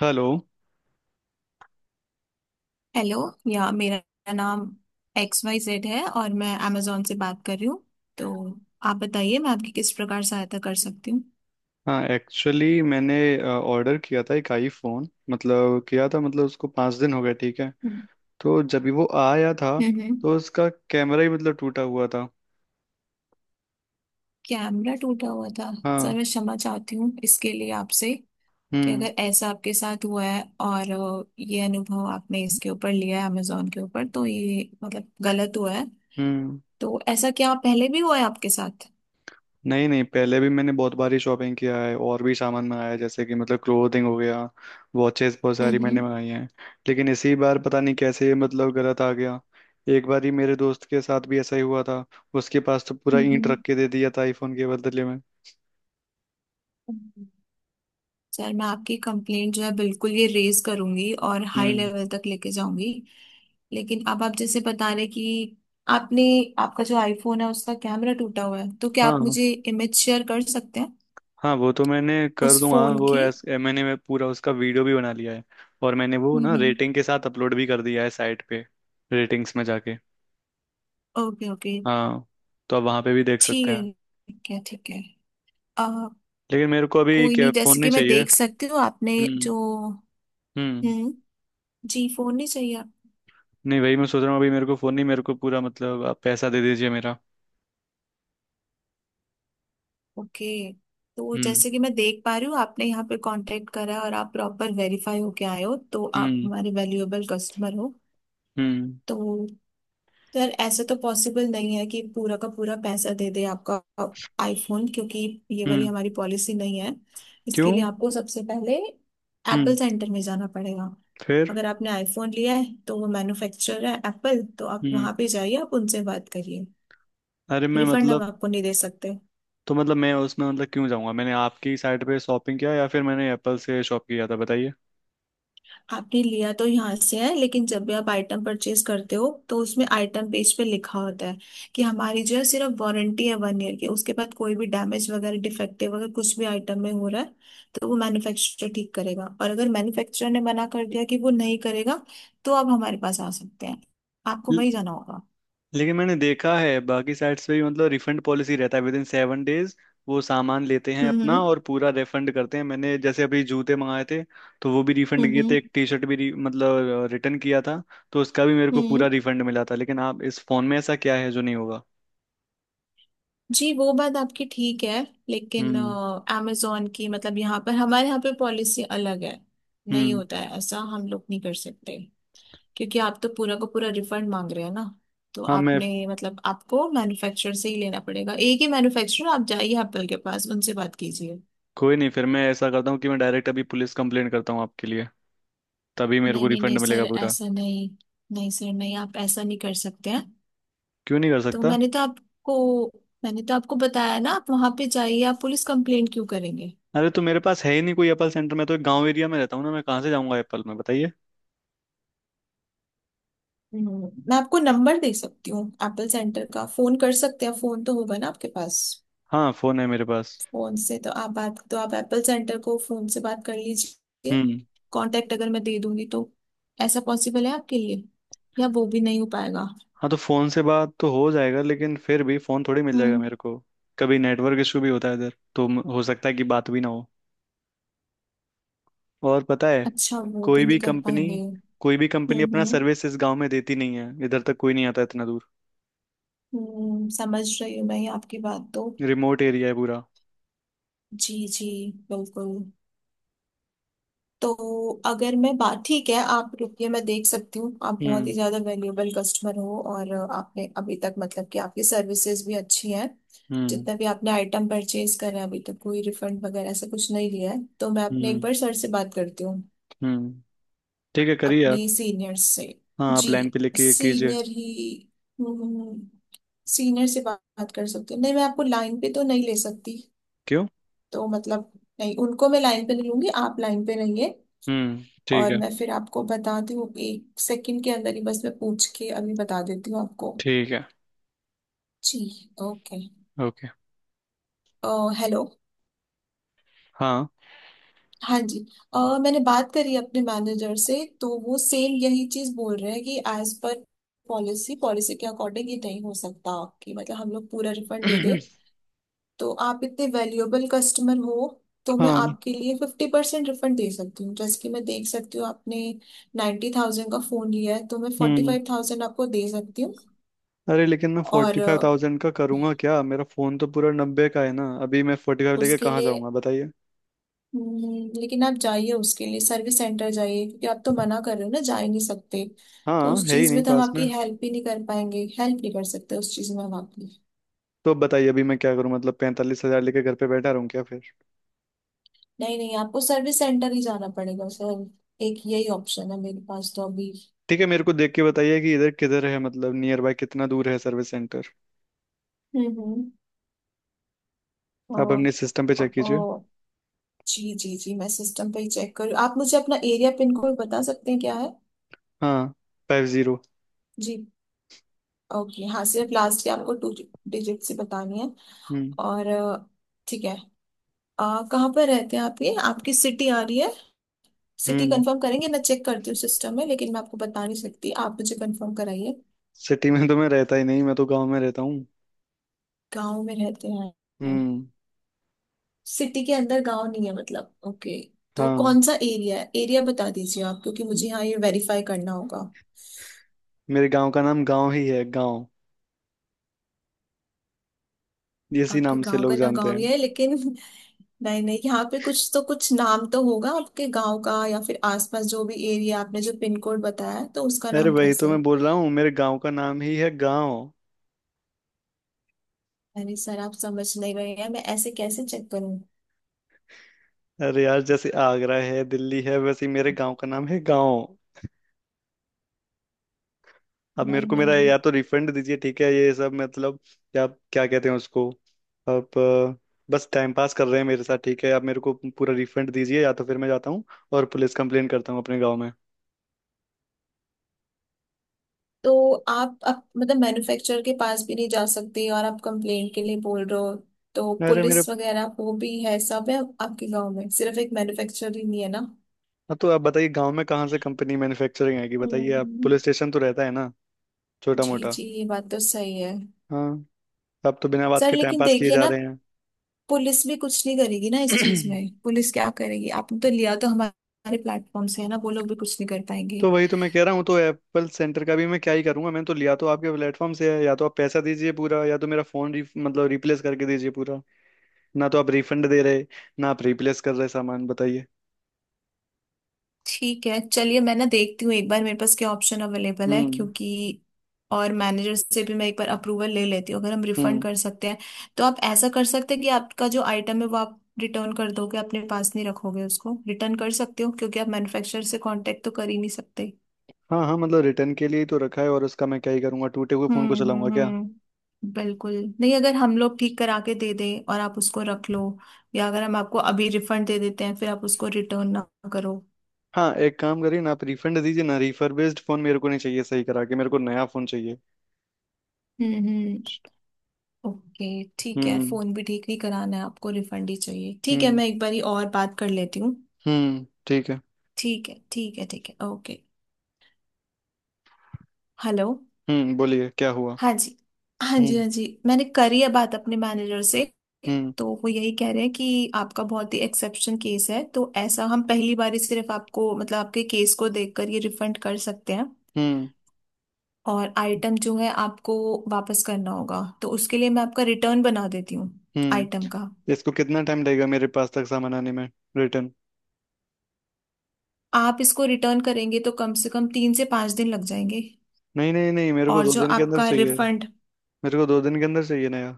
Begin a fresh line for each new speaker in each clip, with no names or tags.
Hello.
Hello. या मेरा नाम एक्स वाई जेड है और मैं amazon से बात कर रही हूँ। तो आप बताइए मैं आपकी किस प्रकार सहायता कर सकती हूँ।
हाँ एक्चुअली मैंने ऑर्डर किया था एक आईफोन, मतलब किया था, मतलब उसको 5 दिन हो गए। ठीक है।
हम्म।
तो जब भी वो आया था
हम्म।
तो उसका कैमरा ही मतलब टूटा हुआ था।
कैमरा टूटा हुआ था। सर
हाँ।
मैं क्षमा चाहती हूँ इसके लिए आपसे कि
हम्म।
अगर ऐसा आपके साथ हुआ है और ये अनुभव आपने इसके ऊपर लिया है amazon के ऊपर तो ये मतलब गलत हुआ है।
हम्म।
तो ऐसा क्या पहले भी हुआ है आपके साथ।
नहीं नहीं, पहले भी मैंने बहुत बारी शॉपिंग किया है और भी सामान मंगाया है, जैसे कि मतलब क्लोथिंग हो गया, वॉचेस बहुत सारी मैंने
हम्म।
मंगाई हैं। लेकिन इसी बार पता नहीं कैसे मतलब गलत आ गया। एक बार ही मेरे दोस्त के साथ भी ऐसा ही हुआ था। उसके पास तो पूरा ईंट
हम्म।
रख के दे दिया था आईफोन के बदले में।
हम्म। सर मैं आपकी कंप्लेंट जो है बिल्कुल ये रेज करूंगी और हाई
हम्म।
लेवल तक लेके जाऊंगी। लेकिन अब आप जैसे बता रहे कि आपने आपका जो आईफोन है उसका कैमरा टूटा हुआ है तो क्या आप
हाँ।
मुझे इमेज शेयर कर सकते हैं
हाँ वो तो मैंने कर
उस
दूंगा।
फोन
वो
की।
एस, ए, मैंने मैं पूरा उसका वीडियो भी बना लिया है। और मैंने वो ना
हम्म।
रेटिंग के साथ अपलोड भी कर दिया है साइट पे, रेटिंग्स में जाके।
Okay okay.
हाँ। तो आप वहाँ पे भी देख
ठीक
सकते
है।
हैं।
ठीक है ठीक है। आ,
लेकिन मेरे को अभी
कोई
क्या,
नहीं
फ़ोन
जैसे
नहीं
कि मैं
चाहिए।
देख सकती हूँ आपने
हम्म।
जो।
हम्म।
हम्म। जी फोन नहीं चाहिए।
नहीं, वही मैं सोच रहा हूँ। अभी मेरे को फ़ोन नहीं, मेरे को पूरा, मतलब आप पैसा दे दीजिए मेरा।
ओके। तो
हम्म।
जैसे कि मैं देख पा रही हूँ आपने यहाँ पे कांटेक्ट करा और आप प्रॉपर वेरीफाई होके आए हो तो आप
हम्म।
हमारे वैल्यूएबल कस्टमर हो।
हम्म।
तो सर ऐसे तो पॉसिबल नहीं है कि पूरा का पूरा पैसा दे दे आपका आईफोन क्योंकि ये वाली
हम्म।
हमारी पॉलिसी नहीं है। इसके लिए
क्यों?
आपको सबसे पहले एप्पल
हम्म।
सेंटर में जाना पड़ेगा।
फिर?
अगर आपने आईफोन लिया है तो वो मैन्युफैक्चरर है एप्पल तो आप
हम्म।
वहाँ पे जाइए आप उनसे बात करिए।
अरे मैं
रिफंड हम
मतलब,
आपको नहीं दे सकते।
तो मतलब मैं उसमें मतलब क्यों जाऊँगा? मैंने आपकी साइट पे शॉपिंग किया या फिर मैंने एप्पल से शॉप किया था, बताइए।
आपने लिया तो यहाँ से है लेकिन जब भी आप आइटम परचेज करते हो तो उसमें आइटम पेज पे लिखा होता है कि हमारी जो है सिर्फ वारंटी है 1 ईयर की। उसके बाद कोई भी डैमेज वगैरह डिफेक्टिव अगर कुछ भी आइटम में हो रहा है तो वो मैन्युफैक्चरर ठीक करेगा और अगर मैन्युफैक्चरर ने मना कर दिया कि वो नहीं करेगा तो आप हमारे पास आ सकते हैं। आपको वही जाना होगा।
लेकिन मैंने देखा है बाकी साइट्स पे भी मतलब रिफंड पॉलिसी रहता है विद इन 7 डेज। वो सामान लेते हैं अपना
हम्म।
और पूरा रिफंड करते हैं। मैंने जैसे अभी जूते मंगाए थे तो वो भी रिफंड
हम्म।
किए थे। एक
हम्म।
टी शर्ट भी मतलब रिटर्न किया था। तो उसका भी मेरे को पूरा
हम्म।
रिफंड मिला था, लेकिन आप इस फोन में ऐसा क्या है जो नहीं होगा?
जी वो बात आपकी ठीक है लेकिन
हम्म।
अमेजोन की मतलब यहाँ पर हमारे यहाँ पे पॉलिसी अलग है। नहीं
हम्म।
होता है ऐसा हम लोग नहीं कर सकते क्योंकि आप तो पूरा का पूरा रिफंड मांग रहे हैं ना। तो
हाँ मैं।
आपने मतलब आपको मैन्युफैक्चरर से ही लेना पड़ेगा एक ही मैन्युफैक्चरर आप जाइए एप्पल के पास उनसे बात कीजिए।
कोई नहीं, फिर मैं ऐसा करता हूँ कि मैं डायरेक्ट अभी पुलिस कंप्लेंट करता हूँ आपके लिए। तभी मेरे
नहीं
को
नहीं नहीं
रिफंड
सर
मिलेगा पूरा।
ऐसा नहीं। नहीं सर नहीं आप ऐसा नहीं कर सकते हैं।
क्यों नहीं कर
तो
सकता?
मैंने तो आपको बताया ना आप वहां पे जाइए आप पुलिस कंप्लेंट क्यों करेंगे।
अरे तो मेरे पास है ही नहीं कोई एप्पल सेंटर। मैं तो एक गांव एरिया में रहता हूँ ना, मैं कहाँ से जाऊँगा एप्पल में, बताइए।
हम्म। मैं आपको नंबर दे सकती हूँ एप्पल सेंटर का फोन कर सकते हैं फोन तो होगा ना आपके पास।
हाँ फोन है मेरे पास।
फोन से तो आप बात तो आप एप्पल सेंटर को फोन से बात कर लीजिए।
हम्म।
कांटेक्ट अगर मैं दे दूंगी तो ऐसा पॉसिबल है आपके लिए या वो भी नहीं हो पाएगा।
हाँ तो फोन से बात तो हो जाएगा, लेकिन फिर भी फोन थोड़ी मिल जाएगा
हम्म।
मेरे को। कभी नेटवर्क इशू भी होता है इधर, तो हो सकता है कि बात भी ना हो। और पता है,
अच्छा वो भी
कोई भी
नहीं कर
कंपनी,
पाएंगे।
कोई भी कंपनी
हम्म
अपना
हम्म
सर्विस इस गांव में देती नहीं है। इधर तक कोई नहीं आता, इतना दूर।
हम्म। समझ रही हूँ मैं आपकी बात तो।
रिमोट एरिया है पूरा।
जी जी। बिल्कुल। तो अगर मैं बात ठीक है आप रुकिए मैं देख सकती हूँ आप बहुत ही
हम्म।
ज्यादा वैल्यूएबल कस्टमर हो और आपने अभी तक मतलब कि आपकी सर्विसेज भी अच्छी हैं।
हम्म।
जितना भी आपने आइटम परचेज करा है अभी तक कोई रिफंड वगैरह ऐसा कुछ नहीं लिया है तो मैं अपने एक
हम्म।
बार सर से बात करती हूँ।
हम्म। ठीक है, करिए आप।
अपने सीनियर से।
हाँ, आप
जी।
लाइन पे लेके कीजिए।
सीनियर ही। हम्म। सीनियर से बात कर सकती हूँ नहीं मैं आपको लाइन पे तो नहीं ले सकती।
क्यों?
तो मतलब नहीं उनको मैं लाइन पे नहीं लूंगी आप लाइन पे रहिए।
ठीक
और
है।
मैं फिर आपको बताती हूँ एक सेकंड के अंदर ही बस मैं पूछ के अभी बता देती हूँ आपको।
ठीक है।
जी। ओके।
ओके।
हेलो।
हाँ।
हाँ जी। मैंने बात करी अपने मैनेजर से तो वो सेम यही चीज बोल रहे हैं कि एज पर पॉलिसी पॉलिसी के अकॉर्डिंग ये नहीं हो सकता कि मतलब हम लोग पूरा रिफंड दे दे। तो आप इतने वैल्यूएबल कस्टमर हो तो मैं
हाँ।
आपके लिए 50% रिफंड दे सकती हूँ जैसे कि मैं देख सकती हूँ आपने 90,000 थाउजेंड का फोन लिया है तो मैं फोर्टी
हम्म।
फाइव थाउजेंड आपको दे सकती हूँ।
अरे लेकिन मैं
और
45,000 का करूंगा क्या? मेरा फोन तो पूरा 90 का है ना। अभी मैं 45 लेके
उसके
कहाँ
लिए
जाऊंगा, बताइए।
लेकिन आप जाइए उसके लिए सर्विस सेंटर जाइए क्योंकि आप तो मना कर रहे हो ना जा ही नहीं सकते। तो
हाँ,
उस
है ही
चीज
नहीं
में तो हम
पास में।
आपकी हेल्प ही नहीं कर पाएंगे हेल्प नहीं कर सकते उस चीज में हम आपकी।
तो अब बताइए, अभी मैं क्या करूँ? मतलब 45,000 लेके घर पे बैठा रहूँ क्या फिर?
नहीं नहीं आपको सर्विस सेंटर ही जाना पड़ेगा सर। एक यही ऑप्शन है मेरे पास तो अभी।
ठीक है, मेरे को देख के बताइए कि इधर किधर है, मतलब नियर बाय कितना दूर है सर्विस सेंटर।
हम्म। अ,
आप अपने सिस्टम पे
अ,
चेक कीजिए।
अ, जी जी जी मैं सिस्टम पे ही चेक करूँ आप मुझे अपना एरिया पिन कोड बता सकते हैं क्या है।
हाँ, 50।
जी। ओके हाँ सिर्फ लास्ट के आपको टू डिजिट से बतानी है।
हम्म।
और ठीक है। कहाँ पर रहते हैं आप ये आपकी सिटी आ रही है। सिटी
हम्म।
कंफर्म करेंगे मैं चेक करती हूँ सिस्टम में लेकिन मैं आपको बता नहीं सकती आप मुझे कंफर्म कराइए।
सिटी में तो मैं रहता ही नहीं, मैं तो गाँव में रहता हूँ।
गांव में रहते हैं
हम्म।
सिटी के अंदर गांव नहीं है मतलब ओके। तो
हाँ,
कौन सा एरिया है एरिया बता दीजिए आप क्योंकि मुझे यहाँ ये वेरीफाई करना होगा।
मेरे गाँव का नाम गाँव ही है, गाँव। इसी
आपके
नाम से
गांव का
लोग
ना
जानते
गांव ही
हैं।
है लेकिन नहीं नहीं यहाँ पे कुछ तो कुछ नाम तो होगा आपके गांव का या फिर आसपास जो भी एरिया आपने जो पिन कोड बताया है, तो उसका
अरे
नाम
भाई, तो
कैसे है।
मैं बोल रहा हूँ मेरे गांव का नाम ही है गांव।
अरे सर आप समझ नहीं रहे हैं मैं ऐसे कैसे चेक करूँ।
अरे यार, जैसे आगरा है, दिल्ली है, वैसे ही मेरे गांव का नाम है गांव। अब मेरे
नहीं
को मेरा
नहीं।
या तो रिफंड दीजिए, ठीक है? ये सब मतलब क्या क्या कहते हैं उसको। अब बस टाइम पास कर रहे हैं मेरे साथ। ठीक है, आप मेरे को पूरा रिफंड दीजिए, या तो फिर मैं जाता हूँ और पुलिस कंप्लेन करता हूँ अपने गाँव में।
तो आप अब मतलब मैन्युफैक्चरर के पास भी नहीं जा सकते और आप कंप्लेंट के लिए बोल रहे हो तो
अरे मेरे।
पुलिस वगैरह वो भी है सब है आपके गांव में सिर्फ एक मैन्युफैक्चरर ही नहीं है ना।
हाँ, तो आप बताइए, गाँव में कहाँ से कंपनी मैन्युफैक्चरिंग आएगी, बताइए। आप,
हम्म।
पुलिस स्टेशन तो रहता है ना, छोटा
जी
मोटा।
जी ये बात तो सही है।
हाँ। आप तो बिना बात
सर
के टाइम
लेकिन
पास किए
देखिए
जा
ना
रहे
पुलिस भी कुछ नहीं करेगी ना इस
हैं।
चीज में पुलिस क्या करेगी आपने तो लिया तो हमारे प्लेटफॉर्म से है ना वो लोग भी कुछ नहीं कर पाएंगे।
तो वही तो मैं कह रहा हूँ। तो एप्पल सेंटर का भी मैं क्या ही करूंगा, मैंने तो लिया तो आपके प्लेटफॉर्म से है। या तो आप पैसा दीजिए पूरा, या तो मेरा फोन मतलब रिप्लेस करके दीजिए पूरा। ना तो आप रिफंड दे रहे, ना आप रिप्लेस कर रहे सामान, बताइए।
ठीक है चलिए मैं ना देखती हूँ एक बार मेरे पास क्या ऑप्शन अवेलेबल है
हम्म।
क्योंकि और मैनेजर से भी मैं एक बार अप्रूवल ले लेती हूँ अगर हम रिफंड
हम्म।
कर सकते हैं। तो आप ऐसा कर सकते हैं कि आपका जो आइटम है वो आप रिटर्न कर दोगे अपने पास नहीं रखोगे उसको रिटर्न कर सकते हो क्योंकि आप मैन्युफैक्चरर से कांटेक्ट तो कर ही नहीं सकते।
हाँ हाँ, मतलब रिटर्न के लिए ही तो रखा है। और उसका मैं क्या ही करूंगा, टूटे हुए फोन को चलाऊंगा क्या?
हम्म। बिल्कुल। नहीं अगर हम लोग ठीक करा के दे दें और आप उसको रख लो या अगर हम आपको अभी रिफंड दे देते हैं फिर आप उसको रिटर्न ना करो।
हाँ एक काम करिए ना, आप रिफंड दीजिए ना। रिफर्बिश्ड फोन मेरे को नहीं चाहिए, सही करा के। मेरे को नया फोन चाहिए।
हम्म। ओके। ठीक है
हम्म।
फोन भी ठीक नहीं कराना है आपको रिफंड ही चाहिए ठीक है
हम्म।
मैं एक बारी और बात कर लेती हूँ।
ठीक है।
ठीक है ठीक है ठीक है ओके। हेलो।
हम्म, बोलिए क्या हुआ।
हाँ जी। हाँ जी
हम्म।
हाँ जी मैंने करी है बात अपने मैनेजर से
हम्म।
तो वो यही कह रहे हैं कि आपका बहुत ही एक्सेप्शन केस है तो ऐसा हम पहली बार ही सिर्फ आपको मतलब आपके केस को देखकर ये रिफंड कर सकते हैं।
हम्म।
और आइटम जो है आपको वापस करना होगा तो उसके लिए मैं आपका रिटर्न बना देती हूँ आइटम
हम्म।
का।
इसको कितना टाइम लगेगा मेरे पास तक सामान आने में, रिटर्न?
आप इसको रिटर्न करेंगे तो कम से कम 3 से 5 दिन लग जाएंगे।
नहीं नहीं नहीं, मेरे को
और
दो
जो
दिन के अंदर
आपका
चाहिए।
रिफंड
मेरे को 2 दिन के अंदर चाहिए, नया।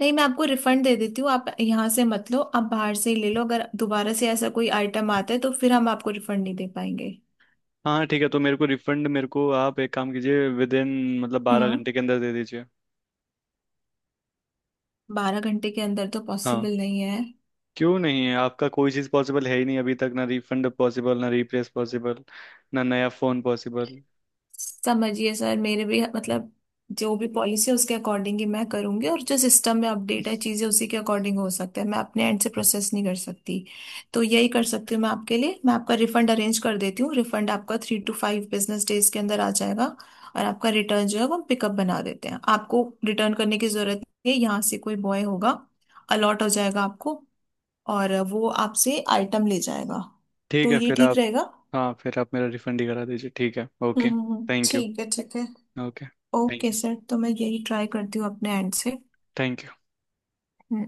नहीं मैं आपको रिफंड दे देती हूँ आप यहाँ से मत लो आप बाहर से ही ले लो अगर दोबारा से ऐसा कोई आइटम आता है तो फिर हम आपको रिफंड नहीं दे पाएंगे।
हाँ ठीक है, तो मेरे को रिफंड। मेरे को आप एक काम कीजिए, विद इन मतलब बारह
हम्म।
घंटे के अंदर दे दीजिए।
12 घंटे के अंदर तो
हाँ।
पॉसिबल नहीं है।
क्यों नहीं है? आपका कोई चीज़ पॉसिबल है ही नहीं अभी तक। ना रिफंड पॉसिबल, ना रिप्लेस पॉसिबल, ना नया फ़ोन पॉसिबल।
समझिए सर मेरे भी मतलब जो भी पॉलिसी है उसके अकॉर्डिंग ही मैं करूंगी और जो सिस्टम में अपडेट है चीजें उसी के अकॉर्डिंग हो सकता है मैं अपने एंड से प्रोसेस नहीं कर सकती। तो यही कर सकती हूँ मैं आपके लिए मैं आपका रिफंड अरेंज कर देती हूँ रिफंड आपका 3-5 बिजनेस डेज के अंदर आ जाएगा। और आपका रिटर्न जो है वो हम पिकअप बना देते हैं आपको रिटर्न करने की जरूरत नहीं है यहाँ से कोई बॉय होगा अलॉट हो जाएगा आपको और वो आपसे आइटम ले जाएगा।
ठीक
तो
है,
ये
फिर
ठीक
आप।
रहेगा।
हाँ, फिर आप मेरा रिफंड ही करा दीजिए। ठीक है। ओके।
हम्म। हम्म।
Thank you.
ठीक है ठीक है।
Okay.
Okay
thank you.
Sir तो मैं यही ट्राई करती हूँ अपने एंड से।
Thank you.
हम्म।